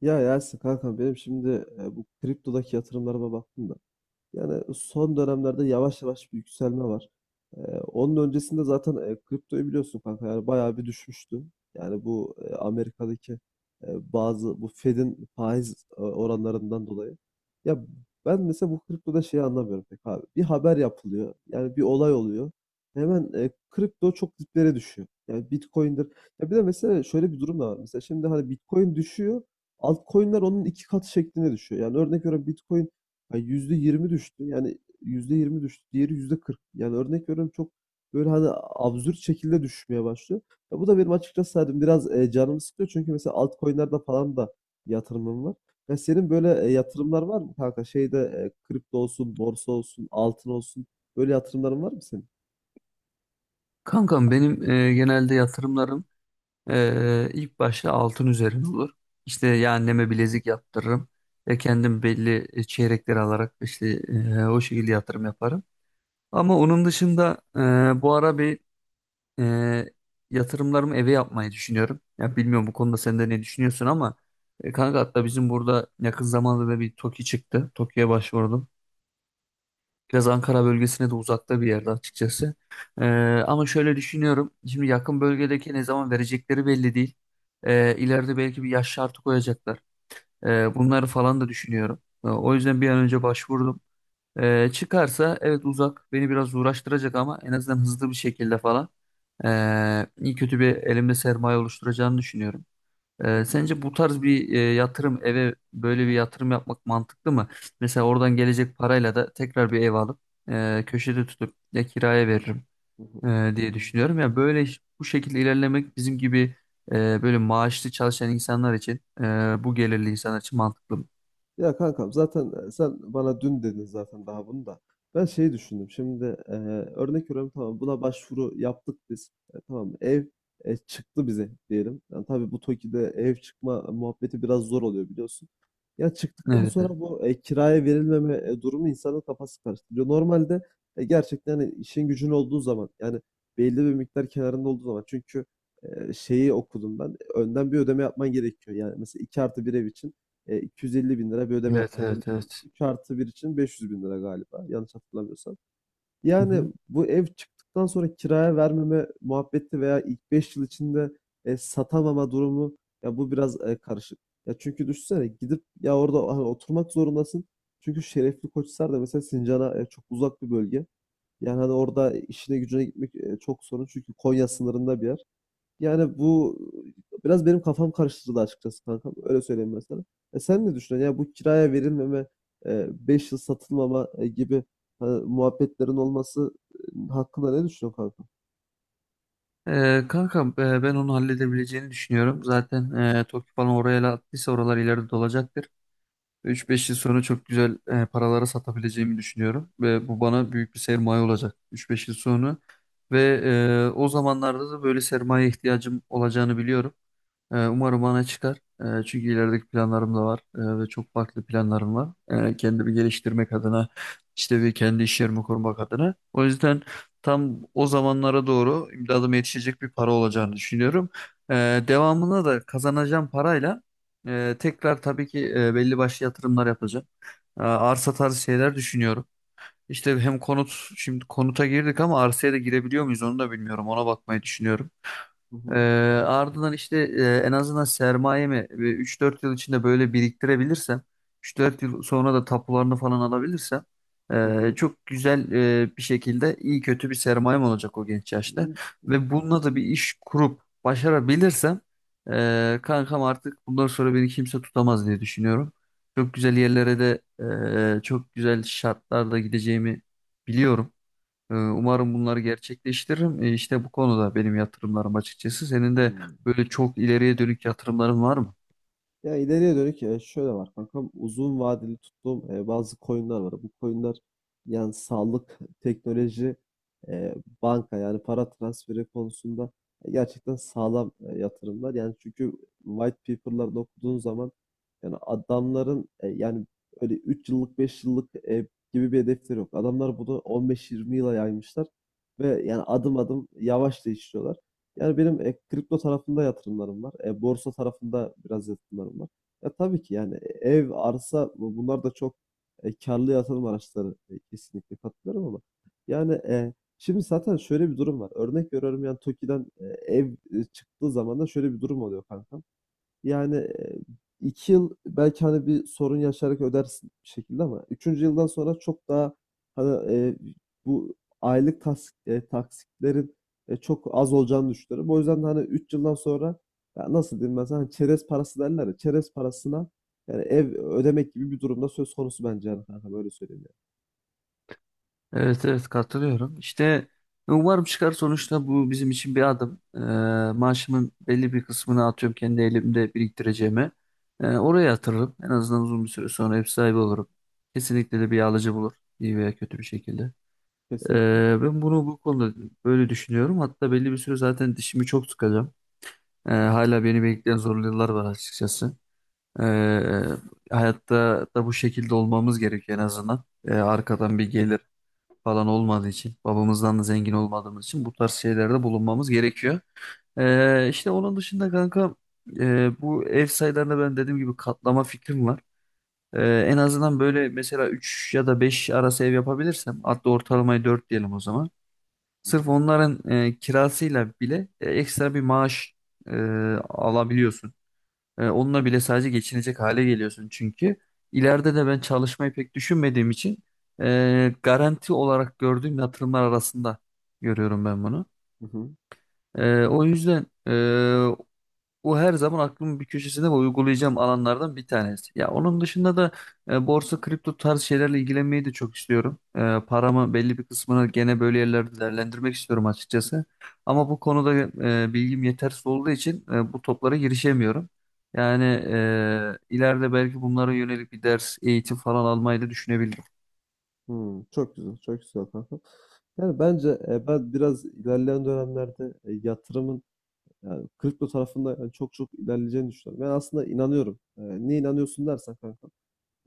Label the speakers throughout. Speaker 1: Ya Yasin kanka benim şimdi bu kriptodaki yatırımlarıma baktım da. Yani son dönemlerde yavaş yavaş bir yükselme var. Ee, onun öncesinde zaten kriptoyu biliyorsun kanka yani bayağı bir düşmüştü. Yani bu Amerika'daki e, bazı bu Fed'in faiz oranlarından dolayı. Ya ben mesela bu kriptoda şeyi anlamıyorum pek abi. Bir haber yapılıyor. Yani bir olay oluyor. Hemen kripto çok diplere düşüyor. Yani Bitcoin'dir. Ya bir de mesela şöyle bir durum da var. Mesela şimdi hani Bitcoin düşüyor. Altcoin'ler onun iki katı şeklinde düşüyor. Yani örnek veriyorum Bitcoin yani yüzde yirmi düştü. Yani %20 düştü. Diğeri %40. Yani örnek veriyorum çok böyle hani absürt şekilde düşmeye başlıyor. Ya bu da benim açıkçası hani biraz canımı sıkıyor. Çünkü mesela altcoin'lerde falan da yatırımım var. Ya senin böyle yatırımlar var mı kanka? Şeyde kripto olsun, borsa olsun, altın olsun. Böyle yatırımların var mı senin?
Speaker 2: Kankam benim genelde yatırımlarım ilk başta altın üzerine olur. İşte ya anneme bilezik yaptırırım ve kendim belli çeyrekleri alarak işte o şekilde yatırım yaparım. Ama onun dışında bu ara e, yatırımlarımı eve yapmayı düşünüyorum. Ya bilmiyorum bu konuda sen de ne düşünüyorsun ama kanka hatta bizim burada yakın zamanda da bir TOKİ çıktı. TOKİ'ye başvurdum. Biraz Ankara bölgesine de uzakta bir yerde açıkçası. Ee, Ama şöyle düşünüyorum. Şimdi yakın bölgedeki ne zaman verecekleri belli değil. İleride belki bir yaş şartı koyacaklar. Bunları falan da düşünüyorum. O yüzden bir an önce başvurdum. Çıkarsa evet, uzak beni biraz uğraştıracak ama en azından hızlı bir şekilde falan. İyi kötü bir elimde sermaye oluşturacağını düşünüyorum.
Speaker 1: Hı hı,
Speaker 2: Sence bu tarz bir yatırım, eve böyle bir yatırım yapmak mantıklı mı? Mesela oradan gelecek parayla da tekrar bir ev alıp köşede tutup ya kiraya veririm
Speaker 1: hı hı.
Speaker 2: diye düşünüyorum. Ya böyle bu şekilde ilerlemek bizim gibi e, böyle maaşlı çalışan insanlar için bu gelirli insanlar için mantıklı mı?
Speaker 1: Ya kankam zaten sen bana dün dedin zaten daha bunu da. Ben şeyi düşündüm. Şimdi örnek veriyorum tamam buna başvuru yaptık biz. Tamam ev çıktı bize diyelim. Yani tabii bu TOKİ'de ev çıkma muhabbeti biraz zor oluyor biliyorsun. Ya çıktıktan
Speaker 2: Evet. Evet.
Speaker 1: sonra bu kiraya verilmeme durumu insanın kafası karıştırıyor. Normalde gerçekten hani işin gücün olduğu zaman yani belli bir miktar kenarında olduğu zaman çünkü şeyi okudum ben. Önden bir ödeme yapman gerekiyor. Yani mesela 2+1 ev için 250 bin lira bir ödeme
Speaker 2: Evet.
Speaker 1: yapmak.
Speaker 2: Evet, evet.
Speaker 1: 3 artı 1 için 500 bin lira galiba yanlış hatırlamıyorsam.
Speaker 2: Hı hı.
Speaker 1: Yani bu ev çıktıktan sonra kiraya vermeme muhabbeti veya ilk 5 yıl içinde satamama durumu ya bu biraz karışık. Ya çünkü düşünsene gidip ya orada hani oturmak zorundasın. Çünkü Şerefli Koçhisar da mesela Sincan'a çok uzak bir bölge. Yani hani orada işine gücüne gitmek çok sorun. Çünkü Konya sınırında bir yer. Yani bu biraz benim kafam karıştırdı açıkçası kankam. Öyle söyleyeyim ben sana. Sen ne düşünüyorsun? Ya bu kiraya verilmeme, 5 yıl satılmama gibi muhabbetlerin olması hakkında ne düşünüyorsun kanka?
Speaker 2: Kanka, ben onu halledebileceğini düşünüyorum. Zaten Tokyo falan oraya attıysa oralar ileride dolacaktır. 3-5 yıl sonra çok güzel paralara satabileceğimi düşünüyorum ve bu bana büyük bir sermaye olacak 3-5 yıl sonra. Ve o zamanlarda da böyle sermaye ihtiyacım olacağını biliyorum. Umarım bana çıkar. Çünkü ilerideki planlarım da var, ve çok farklı planlarım var. Kendimi geliştirmek adına, işte bir kendi iş yerimi kurmak adına. O yüzden tam o zamanlara doğru imdadıma yetişecek bir para olacağını düşünüyorum. Ee, Devamında da kazanacağım parayla tekrar tabii ki belli başlı yatırımlar yapacağım. Arsa tarzı şeyler düşünüyorum. İşte hem konut, şimdi konuta girdik ama arsaya da girebiliyor muyuz onu da bilmiyorum. Ona bakmayı düşünüyorum.
Speaker 1: Hı
Speaker 2: Ee,
Speaker 1: hı,
Speaker 2: Ardından işte en azından sermayemi bir 3-4 yıl içinde böyle biriktirebilirsem, üç dört yıl sonra da tapularını falan alabilirsem
Speaker 1: hı hı.
Speaker 2: çok güzel bir şekilde iyi kötü bir sermayem olacak o genç yaşta. Ve bununla da bir iş kurup başarabilirsem kankam, artık bundan sonra beni kimse tutamaz diye düşünüyorum. Çok güzel yerlere de çok güzel şartlarda gideceğimi biliyorum. Umarım bunları gerçekleştiririm. İşte bu konuda benim yatırımlarım açıkçası. Senin de
Speaker 1: Hmm.
Speaker 2: böyle çok ileriye dönük yatırımların var mı?
Speaker 1: Ya ileriye dönük şöyle var kankam uzun vadeli tuttuğum bazı coinler var. Bu coinler yani sağlık, teknoloji, e, banka yani para transferi konusunda gerçekten sağlam yatırımlar. Yani çünkü white paper'larda okuduğun zaman yani adamların yani öyle 3 yıllık 5 yıllık gibi bir hedefleri yok. Adamlar bunu 15-20 yıla yaymışlar ve yani adım adım yavaş da işliyorlar. Yani benim kripto tarafında yatırımlarım var. Borsa tarafında biraz yatırımlarım var. Ya tabii ki yani ev, arsa bunlar da çok karlı yatırım araçları. Kesinlikle katılıyorum ama yani şimdi zaten şöyle bir durum var. Örnek veriyorum yani TOKİ'den ev çıktığı zaman da şöyle bir durum oluyor kanka. Yani iki yıl belki hani bir sorun yaşayarak ödersin bir şekilde ama üçüncü yıldan sonra çok daha hani bu aylık taksitlerin çok az olacağını düşünüyorum. O yüzden de hani üç yıldan sonra ya nasıl diyeyim ben sana hani çerez parası derler ya çerez parasına yani ev ödemek gibi bir durumda söz konusu bence yani kanka böyle söyleyeyim yani.
Speaker 2: Evet, evet, katılıyorum. İşte umarım çıkar, sonuçta bu bizim için bir adım. Maaşımın belli bir kısmını, atıyorum, kendi elimde biriktireceğime. Oraya yatırırım. En azından uzun bir süre sonra ev sahibi olurum. Kesinlikle de bir alıcı bulur, iyi veya kötü bir şekilde.
Speaker 1: Kesinlikle.
Speaker 2: Ben bunu, bu konuda böyle düşünüyorum. Hatta belli bir süre zaten dişimi çok sıkacağım. Hala beni bekleyen zorlu yıllar var açıkçası. Ee, Hayatta da bu şekilde olmamız gerekiyor en azından. Arkadan bir gelir falan olmadığı için, babamızdan da zengin olmadığımız için bu tarz şeylerde bulunmamız gerekiyor. İşte onun dışında kanka, bu ev sayılarında ben dediğim gibi katlama fikrim var. En azından böyle mesela 3 ya da 5 arası ev yapabilirsem, hatta ortalamayı 4 diyelim o zaman.
Speaker 1: Hı
Speaker 2: Sırf
Speaker 1: hı.
Speaker 2: onların kirasıyla bile ekstra bir maaş e, alabiliyorsun. Onunla bile sadece geçinecek hale geliyorsun çünkü. İleride de ben çalışmayı pek düşünmediğim için garanti olarak gördüğüm yatırımlar arasında görüyorum ben bunu.
Speaker 1: Hı hı.
Speaker 2: O yüzden o her zaman aklımın bir köşesinde ve uygulayacağım alanlardan bir tanesi. Ya onun dışında da borsa, kripto tarz şeylerle ilgilenmeyi de çok istiyorum. Paramı belli bir kısmını gene böyle yerlerde değerlendirmek istiyorum açıkçası. Ama bu konuda bilgim yetersiz olduğu için bu toplara girişemiyorum. Yani ileride belki bunlara yönelik bir ders, eğitim falan almayı da düşünebilirim.
Speaker 1: Hı. Çok güzel, çok güzel kanka. Yani bence ben biraz ilerleyen dönemlerde yatırımın yani kripto tarafında yani çok çok ilerleyeceğini düşünüyorum. Ben aslında inanıyorum. Niye inanıyorsun dersen kanka.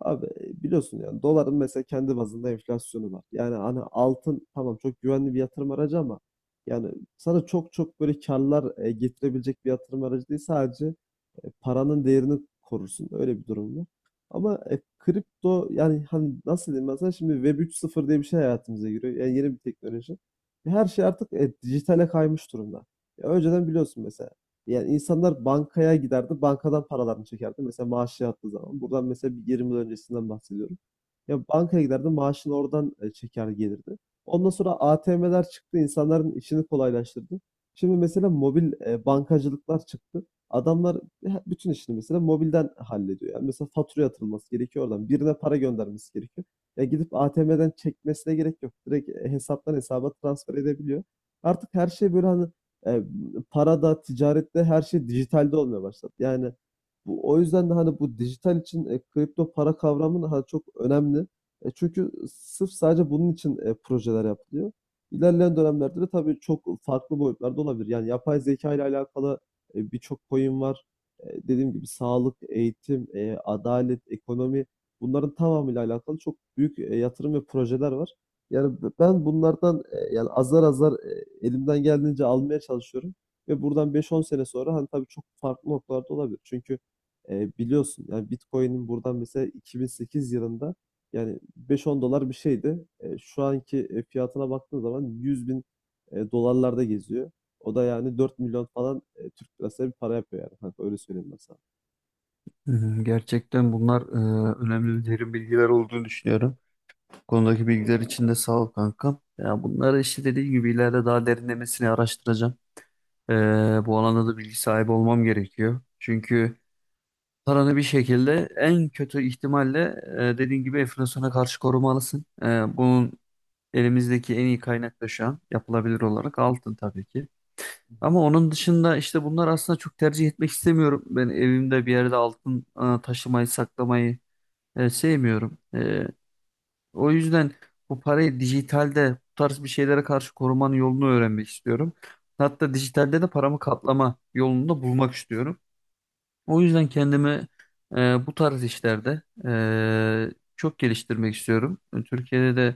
Speaker 1: Abi biliyorsun yani doların mesela kendi bazında enflasyonu var. Yani hani altın tamam çok güvenli bir yatırım aracı ama yani sana çok çok böyle karlar getirebilecek bir yatırım aracı değil sadece paranın değerini korursun. Öyle bir durum var. Ama kripto yani hani nasıl diyeyim ben sana şimdi Web 3.0 diye bir şey hayatımıza giriyor. Yani yeni bir teknoloji. Her şey artık dijitale kaymış durumda. Ya önceden biliyorsun mesela yani insanlar bankaya giderdi, bankadan paralarını çekerdi. Mesela maaşı yattığı zaman. Buradan mesela bir 20 yıl öncesinden bahsediyorum. Ya bankaya giderdi, maaşını oradan çeker gelirdi. Ondan sonra ATM'ler çıktı, insanların işini kolaylaştırdı. Şimdi mesela mobil bankacılıklar çıktı. Adamlar bütün işini mesela mobilden hallediyor. Yani mesela fatura yatırılması gerekiyor oradan. Birine para göndermesi gerekiyor. Ya gidip ATM'den çekmesine gerek yok. Direkt hesaptan hesaba transfer edebiliyor. Artık her şey böyle hani e, para da, ticaret de her şey dijitalde olmaya başladı. Yani bu, o yüzden de hani bu dijital için kripto para kavramı da hani çok önemli. Çünkü sırf sadece bunun için projeler yapılıyor. İlerleyen dönemlerde de tabii çok farklı boyutlarda olabilir. Yani yapay zeka ile alakalı birçok coin var. Dediğim gibi sağlık, eğitim, adalet, ekonomi bunların tamamıyla alakalı çok büyük yatırım ve projeler var. Yani ben bunlardan yani azar azar elimden geldiğince almaya çalışıyorum. Ve buradan beş on sene sonra hani tabii çok farklı noktalarda olabilir. Çünkü biliyorsun yani Bitcoin'in buradan mesela 2008 yılında yani beş on dolar bir şeydi. Şu anki fiyatına baktığın zaman 100 bin dolarlarda geziyor. O da yani 4 milyon falan Türk lirası bir para yapıyor yani kanka öyle söyleyeyim ben
Speaker 2: Hı hı. Gerçekten bunlar önemli ve derin bilgiler olduğunu düşünüyorum. Konudaki bilgiler için de sağ ol kankam. Ya bunları işte dediğim gibi ileride daha derinlemesine araştıracağım. Ee, Bu alanda da bilgi sahibi olmam gerekiyor. Çünkü paranı bir şekilde en kötü ihtimalle dediğin gibi enflasyona karşı korumalısın. Bunun, elimizdeki en iyi kaynak da şu an yapılabilir olarak altın tabii ki. Ama
Speaker 1: sana.
Speaker 2: onun dışında işte bunlar, aslında çok tercih etmek istemiyorum. Ben evimde bir yerde altın taşımayı, saklamayı sevmiyorum. O yüzden bu parayı dijitalde bu tarz bir şeylere karşı korumanın yolunu öğrenmek istiyorum. Hatta dijitalde de paramı katlama yolunu da bulmak istiyorum. O yüzden kendimi bu tarz işlerde çok geliştirmek istiyorum. Türkiye'de de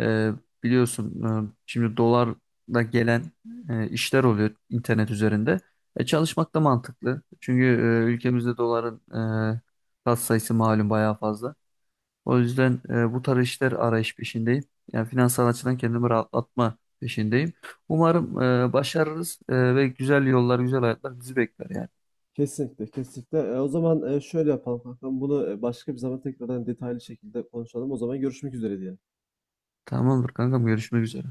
Speaker 2: e, biliyorsun, şimdi dolarla gelen işler oluyor internet üzerinde. Çalışmak da mantıklı. Çünkü ülkemizde doların e, katsayısı malum bayağı fazla. O yüzden bu tarz işler arayış peşindeyim. Yani finansal açıdan kendimi rahatlatma peşindeyim. Umarım başarırız ve güzel yollar, güzel hayatlar bizi bekler yani.
Speaker 1: Kesinlikle, kesinlikle. O zaman şöyle yapalım kankam. Bunu başka bir zaman tekrardan detaylı şekilde konuşalım. O zaman görüşmek üzere diyelim.
Speaker 2: Tamamdır kankam, görüşmek üzere.